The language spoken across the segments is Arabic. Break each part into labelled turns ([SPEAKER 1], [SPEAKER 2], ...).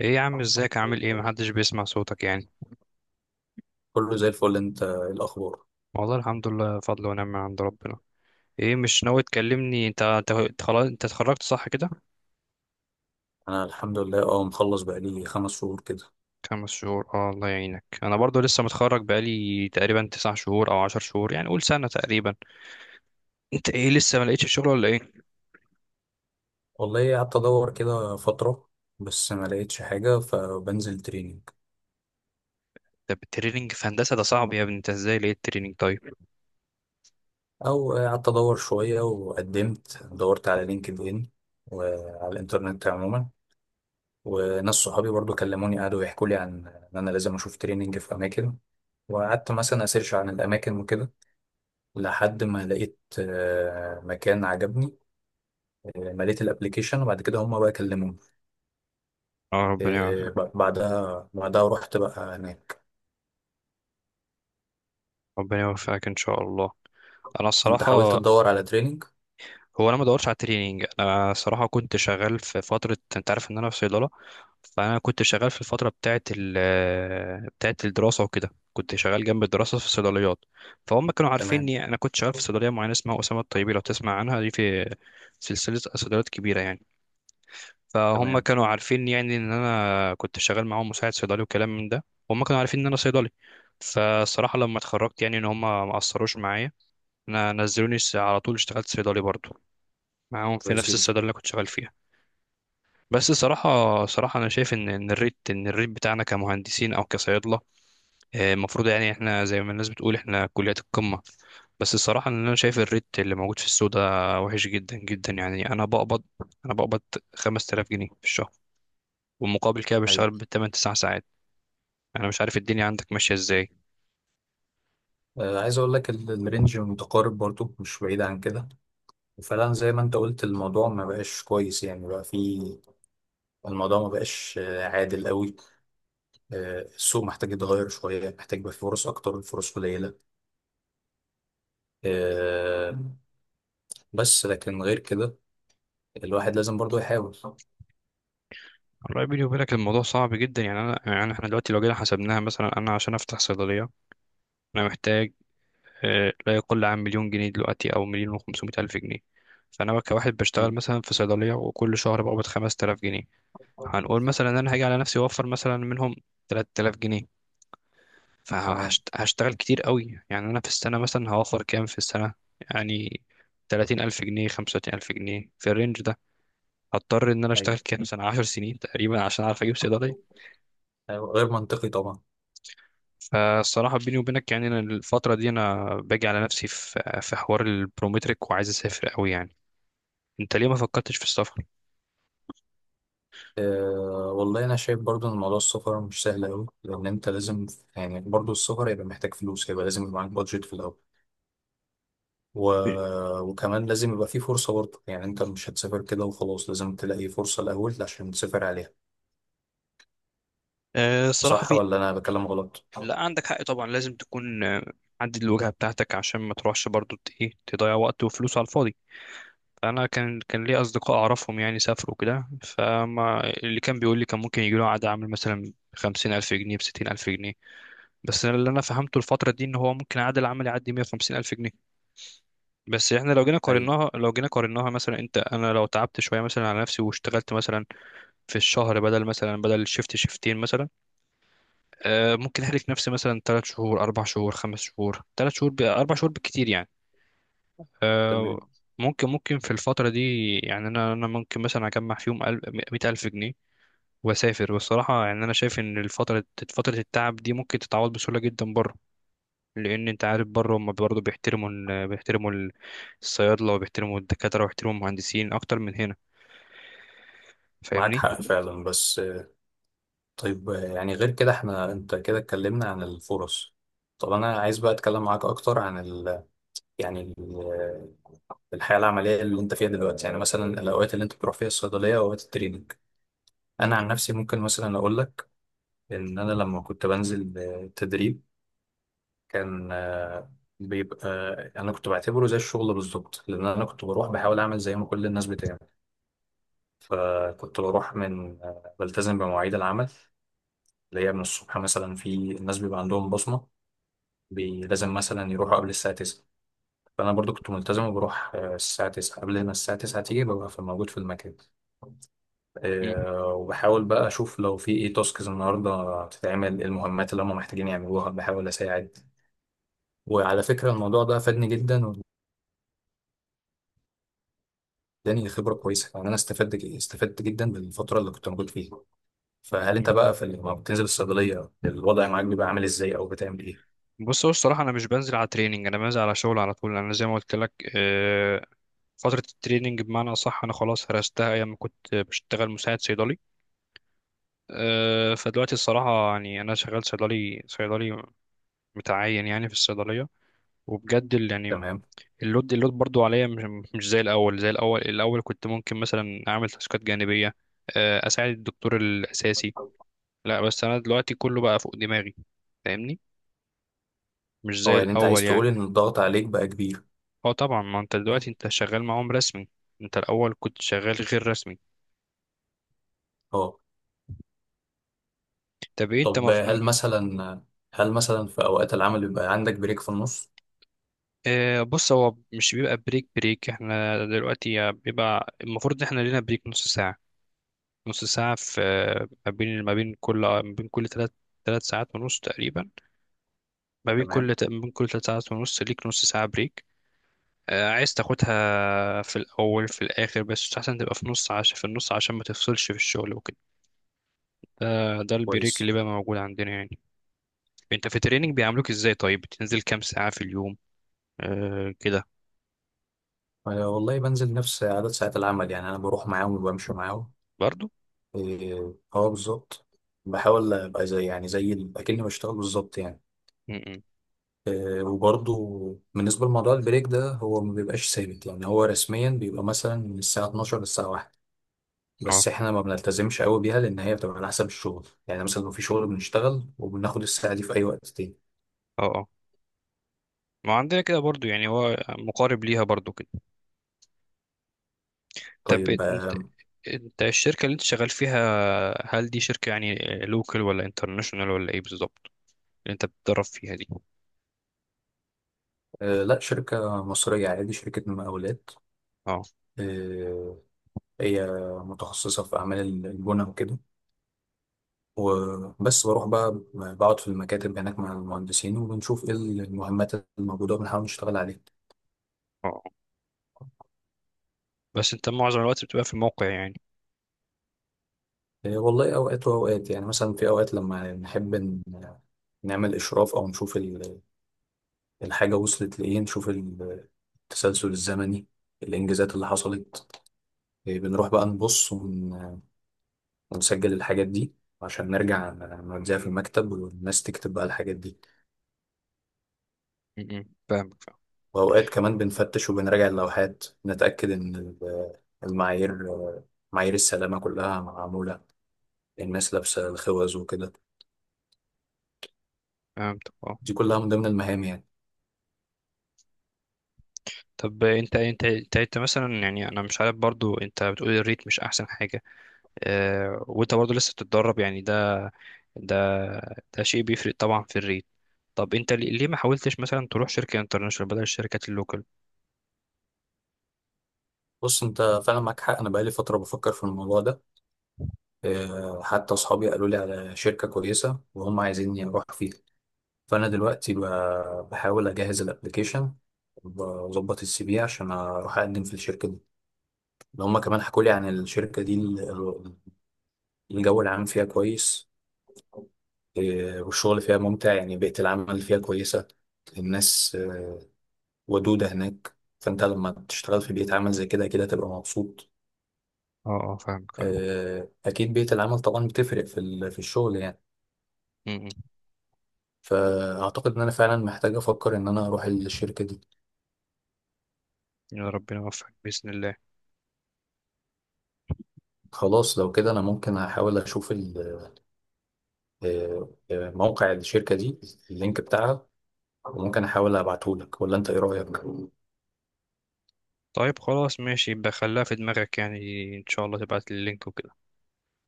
[SPEAKER 1] ايه يا عم، ازيك، عامل ايه، محدش بيسمع صوتك يعني؟
[SPEAKER 2] كله زي الفل، انت ايه الاخبار؟
[SPEAKER 1] والله الحمد لله، فضل ونعمة من عند ربنا. ايه مش ناوي تكلمني انت خلاص، انت اتخرجت صح كده؟
[SPEAKER 2] انا الحمد لله، مخلص بقالي 5 شهور كده.
[SPEAKER 1] 5 شهور، اه الله يعينك. انا برضو لسه متخرج بقالي تقريبا 9 شهور او 10 شهور، يعني قول سنة تقريبا. انت ايه، لسه ما لقيتش شغل ولا ايه؟
[SPEAKER 2] والله قعدت ادور كده فترة، بس ما لقيتش حاجة فبنزل تريننج.
[SPEAKER 1] ده التريننج في هندسة ده صعب يا ابني، انت ازاي لقيت تريننج طيب؟
[SPEAKER 2] او قعدت ادور شوية وقدمت دورت على لينكد ان، وعلى الانترنت عموما. وناس صحابي برضو كلموني، قعدوا يحكوا لي عن ان انا لازم اشوف تريننج في اماكن. وقعدت مثلا اسيرش عن الاماكن وكده، لحد ما لقيت مكان عجبني. مليت الابليكيشن، وبعد كده هم بقى كلموني.
[SPEAKER 1] اه ربنا
[SPEAKER 2] إيه،
[SPEAKER 1] يوفقك.
[SPEAKER 2] ب- بعدها بعدها رحت بقى هناك.
[SPEAKER 1] ربنا يوفقك ان شاء الله. انا
[SPEAKER 2] انت حاولت
[SPEAKER 1] الصراحة،
[SPEAKER 2] تدور على تريننج؟
[SPEAKER 1] هو انا ما دورتش على التريننج، انا صراحه كنت شغال في فتره، انت عارف ان انا في صيدله. فانا كنت شغال في الفتره بتاعه بتاعه الدراسه وكده، كنت شغال جنب الدراسه في الصيدليات. فهم كانوا
[SPEAKER 2] تمام.
[SPEAKER 1] عارفيني، انا كنت شغال في صيدليه معينه اسمها اسامه الطيبي، لو تسمع عنها، دي في سلسله صيدليات كبيره يعني. فهم
[SPEAKER 2] تمام.
[SPEAKER 1] كانوا عارفين يعني ان انا كنت شغال معاهم مساعد صيدلي وكلام من ده، وهم كانوا عارفين ان انا صيدلي. فالصراحه لما اتخرجت يعني ان هم ما قصروش معايا. انا نزلوني على طول، اشتغلت صيدلي برضو معاهم في
[SPEAKER 2] كويس
[SPEAKER 1] نفس
[SPEAKER 2] جدا.
[SPEAKER 1] الصيدلية اللي كنت شغال فيها. بس صراحة، صراحة أنا شايف إن الريت بتاعنا كمهندسين أو كصيادلة، المفروض يعني إحنا زي ما الناس بتقول إحنا كليات القمة. بس الصراحة إن أنا شايف الريت اللي موجود في السوق ده وحش جدا جدا، يعني أنا بقبض 5000 جنيه في الشهر، ومقابل كده بشتغل
[SPEAKER 2] ايوه.
[SPEAKER 1] بالتمن 9 ساعات. أنا مش عارف الدنيا عندك ماشية إزاي.
[SPEAKER 2] عايز اقول لك الرينج متقارب برضو، مش بعيد عن كده. وفعلا زي ما انت قلت الموضوع ما بقاش كويس، يعني بقى في، الموضوع ما بقاش عادل قوي. السوق محتاج يتغير شويه، محتاج يبقى في فرص اكتر، الفرص قليله. آه بس لكن غير كده، الواحد لازم برضو يحاول.
[SPEAKER 1] والله بيني وبينك الموضوع صعب جدا يعني، أنا يعني إحنا دلوقتي لو جينا حسبناها، مثلا أنا عشان أفتح صيدلية أنا محتاج لا يقل عن 1000000 جنيه دلوقتي او 1500000 جنيه. فانا كواحد بشتغل
[SPEAKER 2] مم.
[SPEAKER 1] مثلا في صيدليه وكل شهر بقبض 5000 جنيه، هنقول مثلا ان انا هاجي على نفسي اوفر مثلا منهم 3000 جنيه،
[SPEAKER 2] تمام.
[SPEAKER 1] فهشتغل كتير قوي يعني. انا في السنه مثلا هوفر كام في السنه؟ يعني 30000 جنيه، 35000 جنيه في الرينج ده. هضطر ان انا
[SPEAKER 2] ايوه.
[SPEAKER 1] اشتغل كام سنه؟ 10 سنين تقريبا عشان اعرف اجيب صيدليه.
[SPEAKER 2] أيوة، غير منطقي طبعا.
[SPEAKER 1] فالصراحه بيني وبينك يعني، أنا الفتره دي انا باجي على نفسي في حوار البرومتريك، وعايز اسافر قوي يعني. انت ليه ما فكرتش في السفر؟
[SPEAKER 2] والله أنا شايف برضو إن موضوع السفر مش سهل أوي، لأن أنت لازم، يعني برضو السفر هيبقى محتاج فلوس، هيبقى لازم يبقى معاك بادجت في الأول، و... وكمان لازم يبقى فيه فرصة برضو، يعني أنت مش هتسافر كده وخلاص، لازم تلاقي فرصة الأول عشان تسافر عليها.
[SPEAKER 1] أه الصراحه
[SPEAKER 2] صح
[SPEAKER 1] في،
[SPEAKER 2] ولا أنا بكلم غلط؟
[SPEAKER 1] لا عندك حق طبعا، لازم تكون محدد الوجهه بتاعتك عشان ما تروحش برضو ت- ايه تضيع وقت وفلوس على الفاضي. فانا كان لي اصدقاء اعرفهم يعني سافروا كده، فما اللي كان بيقول لي كان ممكن يجي له عقد عمل مثلا 50000 جنيه بستين ألف جنيه. بس أنا اللي أنا فهمته الفترة دي إن هو ممكن عقد العمل يعدي 150000 جنيه. بس إحنا لو جينا
[SPEAKER 2] أيوه.
[SPEAKER 1] قارناها، مثلا أنت، أنا لو تعبت شوية مثلا على نفسي واشتغلت مثلا في الشهر بدل شيفت شيفتين مثلا، ممكن احرك نفسي مثلا 3 شهور 4 شهور 5 شهور 3 شهور 4 شهور بالكتير يعني.
[SPEAKER 2] تمام.
[SPEAKER 1] آه، ممكن في الفترة دي يعني انا ممكن مثلا اجمع فيهم 100000 جنيه واسافر. والصراحة يعني انا شايف ان الفترة، فترة التعب دي ممكن تتعوض بسهولة جدا بره. لان انت عارف بره هم برضه بيحترموا الصيادلة، وبيحترموا الدكاترة، وبيحترموا المهندسين اكتر من هنا.
[SPEAKER 2] معاك
[SPEAKER 1] فاهمني؟
[SPEAKER 2] حق فعلا، بس طيب. يعني غير كده، أنت كده اتكلمنا عن الفرص. طب أنا عايز بقى أتكلم معاك أكتر عن يعني الحياه العمليه اللي انت فيها دلوقتي، يعني مثلا الاوقات اللي انت بتروح فيها الصيدليه واوقات التريننج. انا عن نفسي ممكن مثلا اقول لك ان انا لما كنت بنزل تدريب، كان آه، بيبقى آه، انا كنت بعتبره زي الشغل بالظبط، لان انا كنت بروح بحاول اعمل زي ما كل الناس بتعمل. كنت بروح من آه، بلتزم بمواعيد العمل، اللي هي من الصبح. مثلا في الناس بيبقى عندهم بصمه، لازم مثلا يروحوا قبل الساعه 9. فانا برضو كنت ملتزم وبروح الساعه 9 قبل ما الساعه 9 تيجي، ببقى موجود في المكان.
[SPEAKER 1] مم.
[SPEAKER 2] وبحاول بقى اشوف لو في ايه تاسكز النهارده تتعمل، إيه المهمات اللي هم محتاجين يعملوها، بحاول اساعد. وعلى فكره الموضوع ده فادني جدا، واداني خبره كويسه، يعني انا استفدت استفدت جدا بالفتره اللي كنت موجود فيها. فهل انت
[SPEAKER 1] مم.
[SPEAKER 2] بقى في، لما بتنزل الصيدليه الوضع معاك بيبقى عامل ازاي او بتعمل ايه؟
[SPEAKER 1] بص، هو الصراحة أنا مش بنزل على تريننج، أنا بنزل على شغل على طول. أنا زي ما قلت لك، فترة التريننج بمعنى أصح أنا خلاص هرستها أيام ما كنت بشتغل مساعد صيدلي. أه، فدلوقتي الصراحة يعني أنا شغال صيدلي، صيدلي متعين يعني في الصيدلية. وبجد يعني
[SPEAKER 2] تمام.
[SPEAKER 1] اللود برضو عليا مش، مش زي الأول. زي الأول، الأول كنت ممكن مثلا أعمل تاسكات جانبية، أه، أساعد الدكتور الأساسي. لا بس أنا دلوقتي كله بقى فوق دماغي، فاهمني؟ مش زي
[SPEAKER 2] هو يعني انت عايز
[SPEAKER 1] الأول
[SPEAKER 2] تقول
[SPEAKER 1] يعني.
[SPEAKER 2] ان الضغط عليك بقى كبير؟
[SPEAKER 1] أه طبعا، ما أنت دلوقتي أنت شغال معاهم رسمي، أنت الأول كنت شغال غير رسمي.
[SPEAKER 2] اه.
[SPEAKER 1] طب إيه أنت
[SPEAKER 2] طب هل مثلا في اوقات العمل بيبقى عندك بريك في النص؟
[SPEAKER 1] بص، هو مش بيبقى بريك بريك، احنا دلوقتي بيبقى المفروض ان احنا لينا بريك ½ ساعة. نص ساعة في ما بين كل ثلاث، 3 ساعات ونص تقريبا.
[SPEAKER 2] تمام.
[SPEAKER 1] ما بين كل 3 ساعات ونص ليك ½ ساعة بريك، عايز تاخدها في الأول في الآخر، بس أحسن تبقى في نص، عشان في النص عشان ما تفصلش في الشغل وكده. ده ده البريك
[SPEAKER 2] كويس.
[SPEAKER 1] اللي بقى موجود عندنا يعني. انت في التريننج بيعاملوك ازاي؟ طيب بتنزل كام ساعة في اليوم؟ آه كده
[SPEAKER 2] أنا والله بنزل نفس عدد ساعات العمل، يعني أنا بروح معاهم وبمشي معاهم.
[SPEAKER 1] برضو.
[SPEAKER 2] إيه، أه بالظبط. بحاول أبقى يعني زي أكني بشتغل بالظبط يعني.
[SPEAKER 1] م- م.
[SPEAKER 2] إيه، وبرضه بالنسبة لموضوع البريك ده، هو ما بيبقاش ثابت يعني. هو رسميا بيبقى مثلا من الساعة 12 للساعة 1،
[SPEAKER 1] اه،
[SPEAKER 2] بس إحنا ما بنلتزمش قوي بيها، لأن هي بتبقى على حسب الشغل. يعني مثلا لو في شغل بنشتغل وبناخد الساعة دي في أي وقت تاني.
[SPEAKER 1] اه، ما عندنا كده برضو يعني، هو مقارب ليها برضو كده. طب
[SPEAKER 2] طيب
[SPEAKER 1] انت، انت الشركة اللي انت شغال فيها هل دي شركة يعني لوكال ولا انترناشونال ولا ايه بالظبط؟ اللي انت بتدرب فيها دي.
[SPEAKER 2] لا، شركة مصرية عادي، شركة مقاولات.
[SPEAKER 1] اه،
[SPEAKER 2] هي متخصصة في أعمال البنى وكده، وبس بروح بقى بقعد في المكاتب هناك مع المهندسين، وبنشوف إيه المهمات الموجودة وبنحاول نشتغل عليها.
[SPEAKER 1] اه، بس انت معظم الوقت بتبقى في الموقع يعني؟
[SPEAKER 2] إيه والله، أوقات وأوقات. يعني مثلا في أوقات لما نحب نعمل إشراف، أو نشوف الحاجة وصلت لإيه، نشوف التسلسل الزمني، الإنجازات اللي حصلت. إيه بنروح بقى نبص ونسجل الحاجات دي، عشان نرجع نوديها في المكتب والناس تكتب بقى الحاجات دي.
[SPEAKER 1] م- م. فاهمك.
[SPEAKER 2] وأوقات كمان بنفتش وبنراجع اللوحات، نتأكد إن المعايير، معايير السلامة كلها معمولة، الناس لابسة الخوذ وكده.
[SPEAKER 1] فهمتك، اه.
[SPEAKER 2] دي كلها من ضمن المهام يعني.
[SPEAKER 1] طب انت مثلا، يعني انا مش عارف برضو، انت بتقول الريت مش احسن حاجة، اه، وانت برضو لسه بتتدرب يعني. ده ده شيء بيفرق طبعا في الريت. طب انت ليه ما حاولتش مثلا تروح شركة انترناشونال بدل الشركات اللوكال؟
[SPEAKER 2] بص أنت، فعلا معاك حق، أنا بقالي فترة بفكر في الموضوع ده. حتى أصحابي قالوا لي على شركة كويسة، وهم عايزيني أروح فيها. فأنا دلوقتي بحاول أجهز الأبليكيشن، وأظبط السي في عشان أروح أقدم في الشركة دي. لو هم كمان حكوا لي عن الشركة دي، الجو العام فيها كويس. إيه، والشغل فيها ممتع، يعني بيئة العمل فيها كويسة، الناس ودودة هناك، فأنت لما تشتغل في بيئة عمل زي كده كده تبقى مبسوط.
[SPEAKER 1] اه اه فاهمك، فاهم.
[SPEAKER 2] أكيد بيئة العمل طبعا بتفرق في في الشغل يعني.
[SPEAKER 1] م- م.
[SPEAKER 2] فأعتقد إن أنا فعلا محتاج أفكر إن أنا أروح الشركة دي.
[SPEAKER 1] يا ربنا يوفقك بإذن الله.
[SPEAKER 2] خلاص لو كده أنا ممكن أحاول أشوف موقع الشركة دي، اللينك بتاعها، وممكن أحاول أبعتهولك. ولا أنت إيه رأيك؟
[SPEAKER 1] طيب خلاص ماشي، يبقى خليها في دماغك يعني، إن شاء الله تبعت لي اللينك وكده.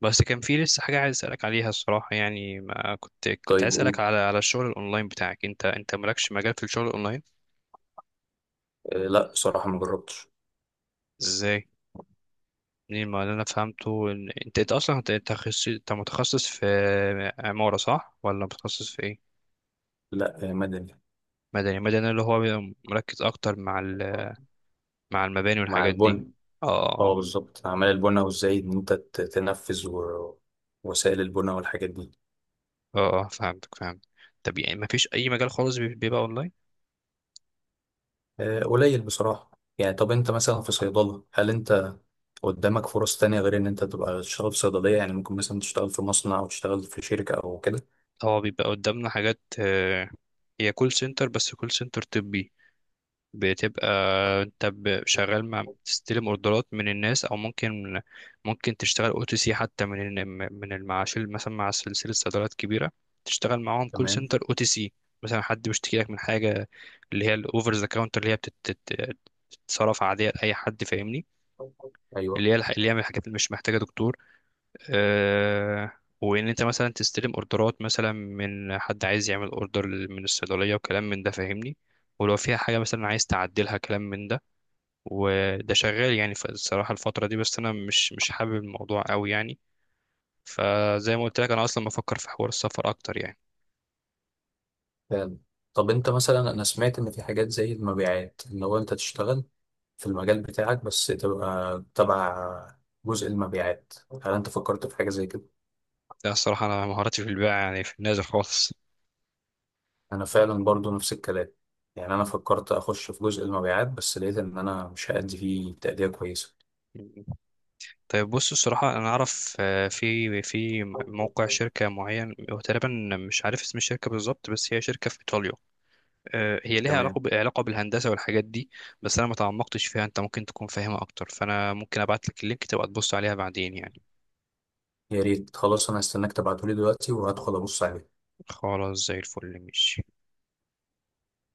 [SPEAKER 1] بس كان في لسه حاجة عايز أسألك عليها الصراحة يعني، ما كنت
[SPEAKER 2] طيب
[SPEAKER 1] عايز أسألك
[SPEAKER 2] قول.
[SPEAKER 1] على الشغل الأونلاين بتاعك، أنت مالكش مجال في الشغل الأونلاين؟
[SPEAKER 2] لا، بصراحة ما جربتش.
[SPEAKER 1] إزاي؟ منين؟ ما اللي أنا فهمته إن أنت تخصص، أنت متخصص في عمارة صح؟ ولا متخصص في إيه؟
[SPEAKER 2] لا، مدني.
[SPEAKER 1] مدني، مدني اللي هو بيبقى مركز أكتر مع مع المباني
[SPEAKER 2] مع
[SPEAKER 1] والحاجات دي.
[SPEAKER 2] البن،
[SPEAKER 1] اه،
[SPEAKER 2] اه بالظبط اعمال البنى، وازاي ان انت تنفذ وسائل البنى والحاجات دي.
[SPEAKER 1] اه اه فهمتك، فهمت. طب يعني مفيش اي مجال خالص بيبقى اونلاين؟
[SPEAKER 2] قليل بصراحه. يعني طب انت مثلا في صيدله، هل انت قدامك فرص تانية غير ان انت تبقى تشتغل في صيدليه؟ يعني ممكن مثلا تشتغل في مصنع او تشتغل في شركه او كده.
[SPEAKER 1] اه بيبقى قدامنا حاجات، هي كول سنتر، بس كول سنتر طبي. بتبقى انت شغال مع، تستلم اوردرات من الناس، او ممكن، ممكن تشتغل او تي سي حتى من من المعاش مثلا، مع سلسله صيدليات كبيره تشتغل معاهم كول
[SPEAKER 2] تمام.
[SPEAKER 1] سنتر او تي سي. مثلا حد بيشتكي لك من حاجه، اللي هي الاوفر ذا كاونتر، اللي هي بتتصرف عاديه لاي حد، فاهمني؟
[SPEAKER 2] ايوه.
[SPEAKER 1] اللي هي من الحاجات اللي مش محتاجه دكتور. آه، وان انت مثلا تستلم اوردرات مثلا من حد عايز يعمل اوردر من الصيدليه وكلام من ده، فاهمني؟ ولو فيها حاجه مثلا عايز تعدلها كلام من ده. وده شغال يعني، الصراحه الفتره دي بس انا مش حابب الموضوع قوي يعني، فزي ما قلت لك انا اصلا بفكر في حوار السفر اكتر يعني.
[SPEAKER 2] فعلا. طب انت مثلا، انا سمعت ان في حاجات زي المبيعات، ان هو انت تشتغل في المجال بتاعك، بس تبقى تبع جزء المبيعات. هل انت فكرت في حاجه زي كده؟
[SPEAKER 1] ده الصراحه انا مهاراتي في البيع يعني في النازل خالص.
[SPEAKER 2] انا فعلا برضو نفس الكلام، يعني انا فكرت اخش في جزء المبيعات، بس لقيت ان انا مش هأدي فيه تأدية كويسة.
[SPEAKER 1] طيب بص، الصراحة أنا أعرف في موقع شركة معين، هو تقريبا، مش عارف اسم الشركة بالظبط، بس هي شركة في إيطاليا، هي ليها
[SPEAKER 2] تمام.
[SPEAKER 1] علاقة علاقة بالهندسة والحاجات دي. بس أنا ما تعمقتش فيها، أنت ممكن تكون فاهمها أكتر، فأنا ممكن أبعت لك اللينك تبقى تبص عليها بعدين يعني.
[SPEAKER 2] يا ريت. خلاص انا هستناك تبعتولي دلوقتي وهدخل ابص عليه.
[SPEAKER 1] خلاص زي الفل، ماشي.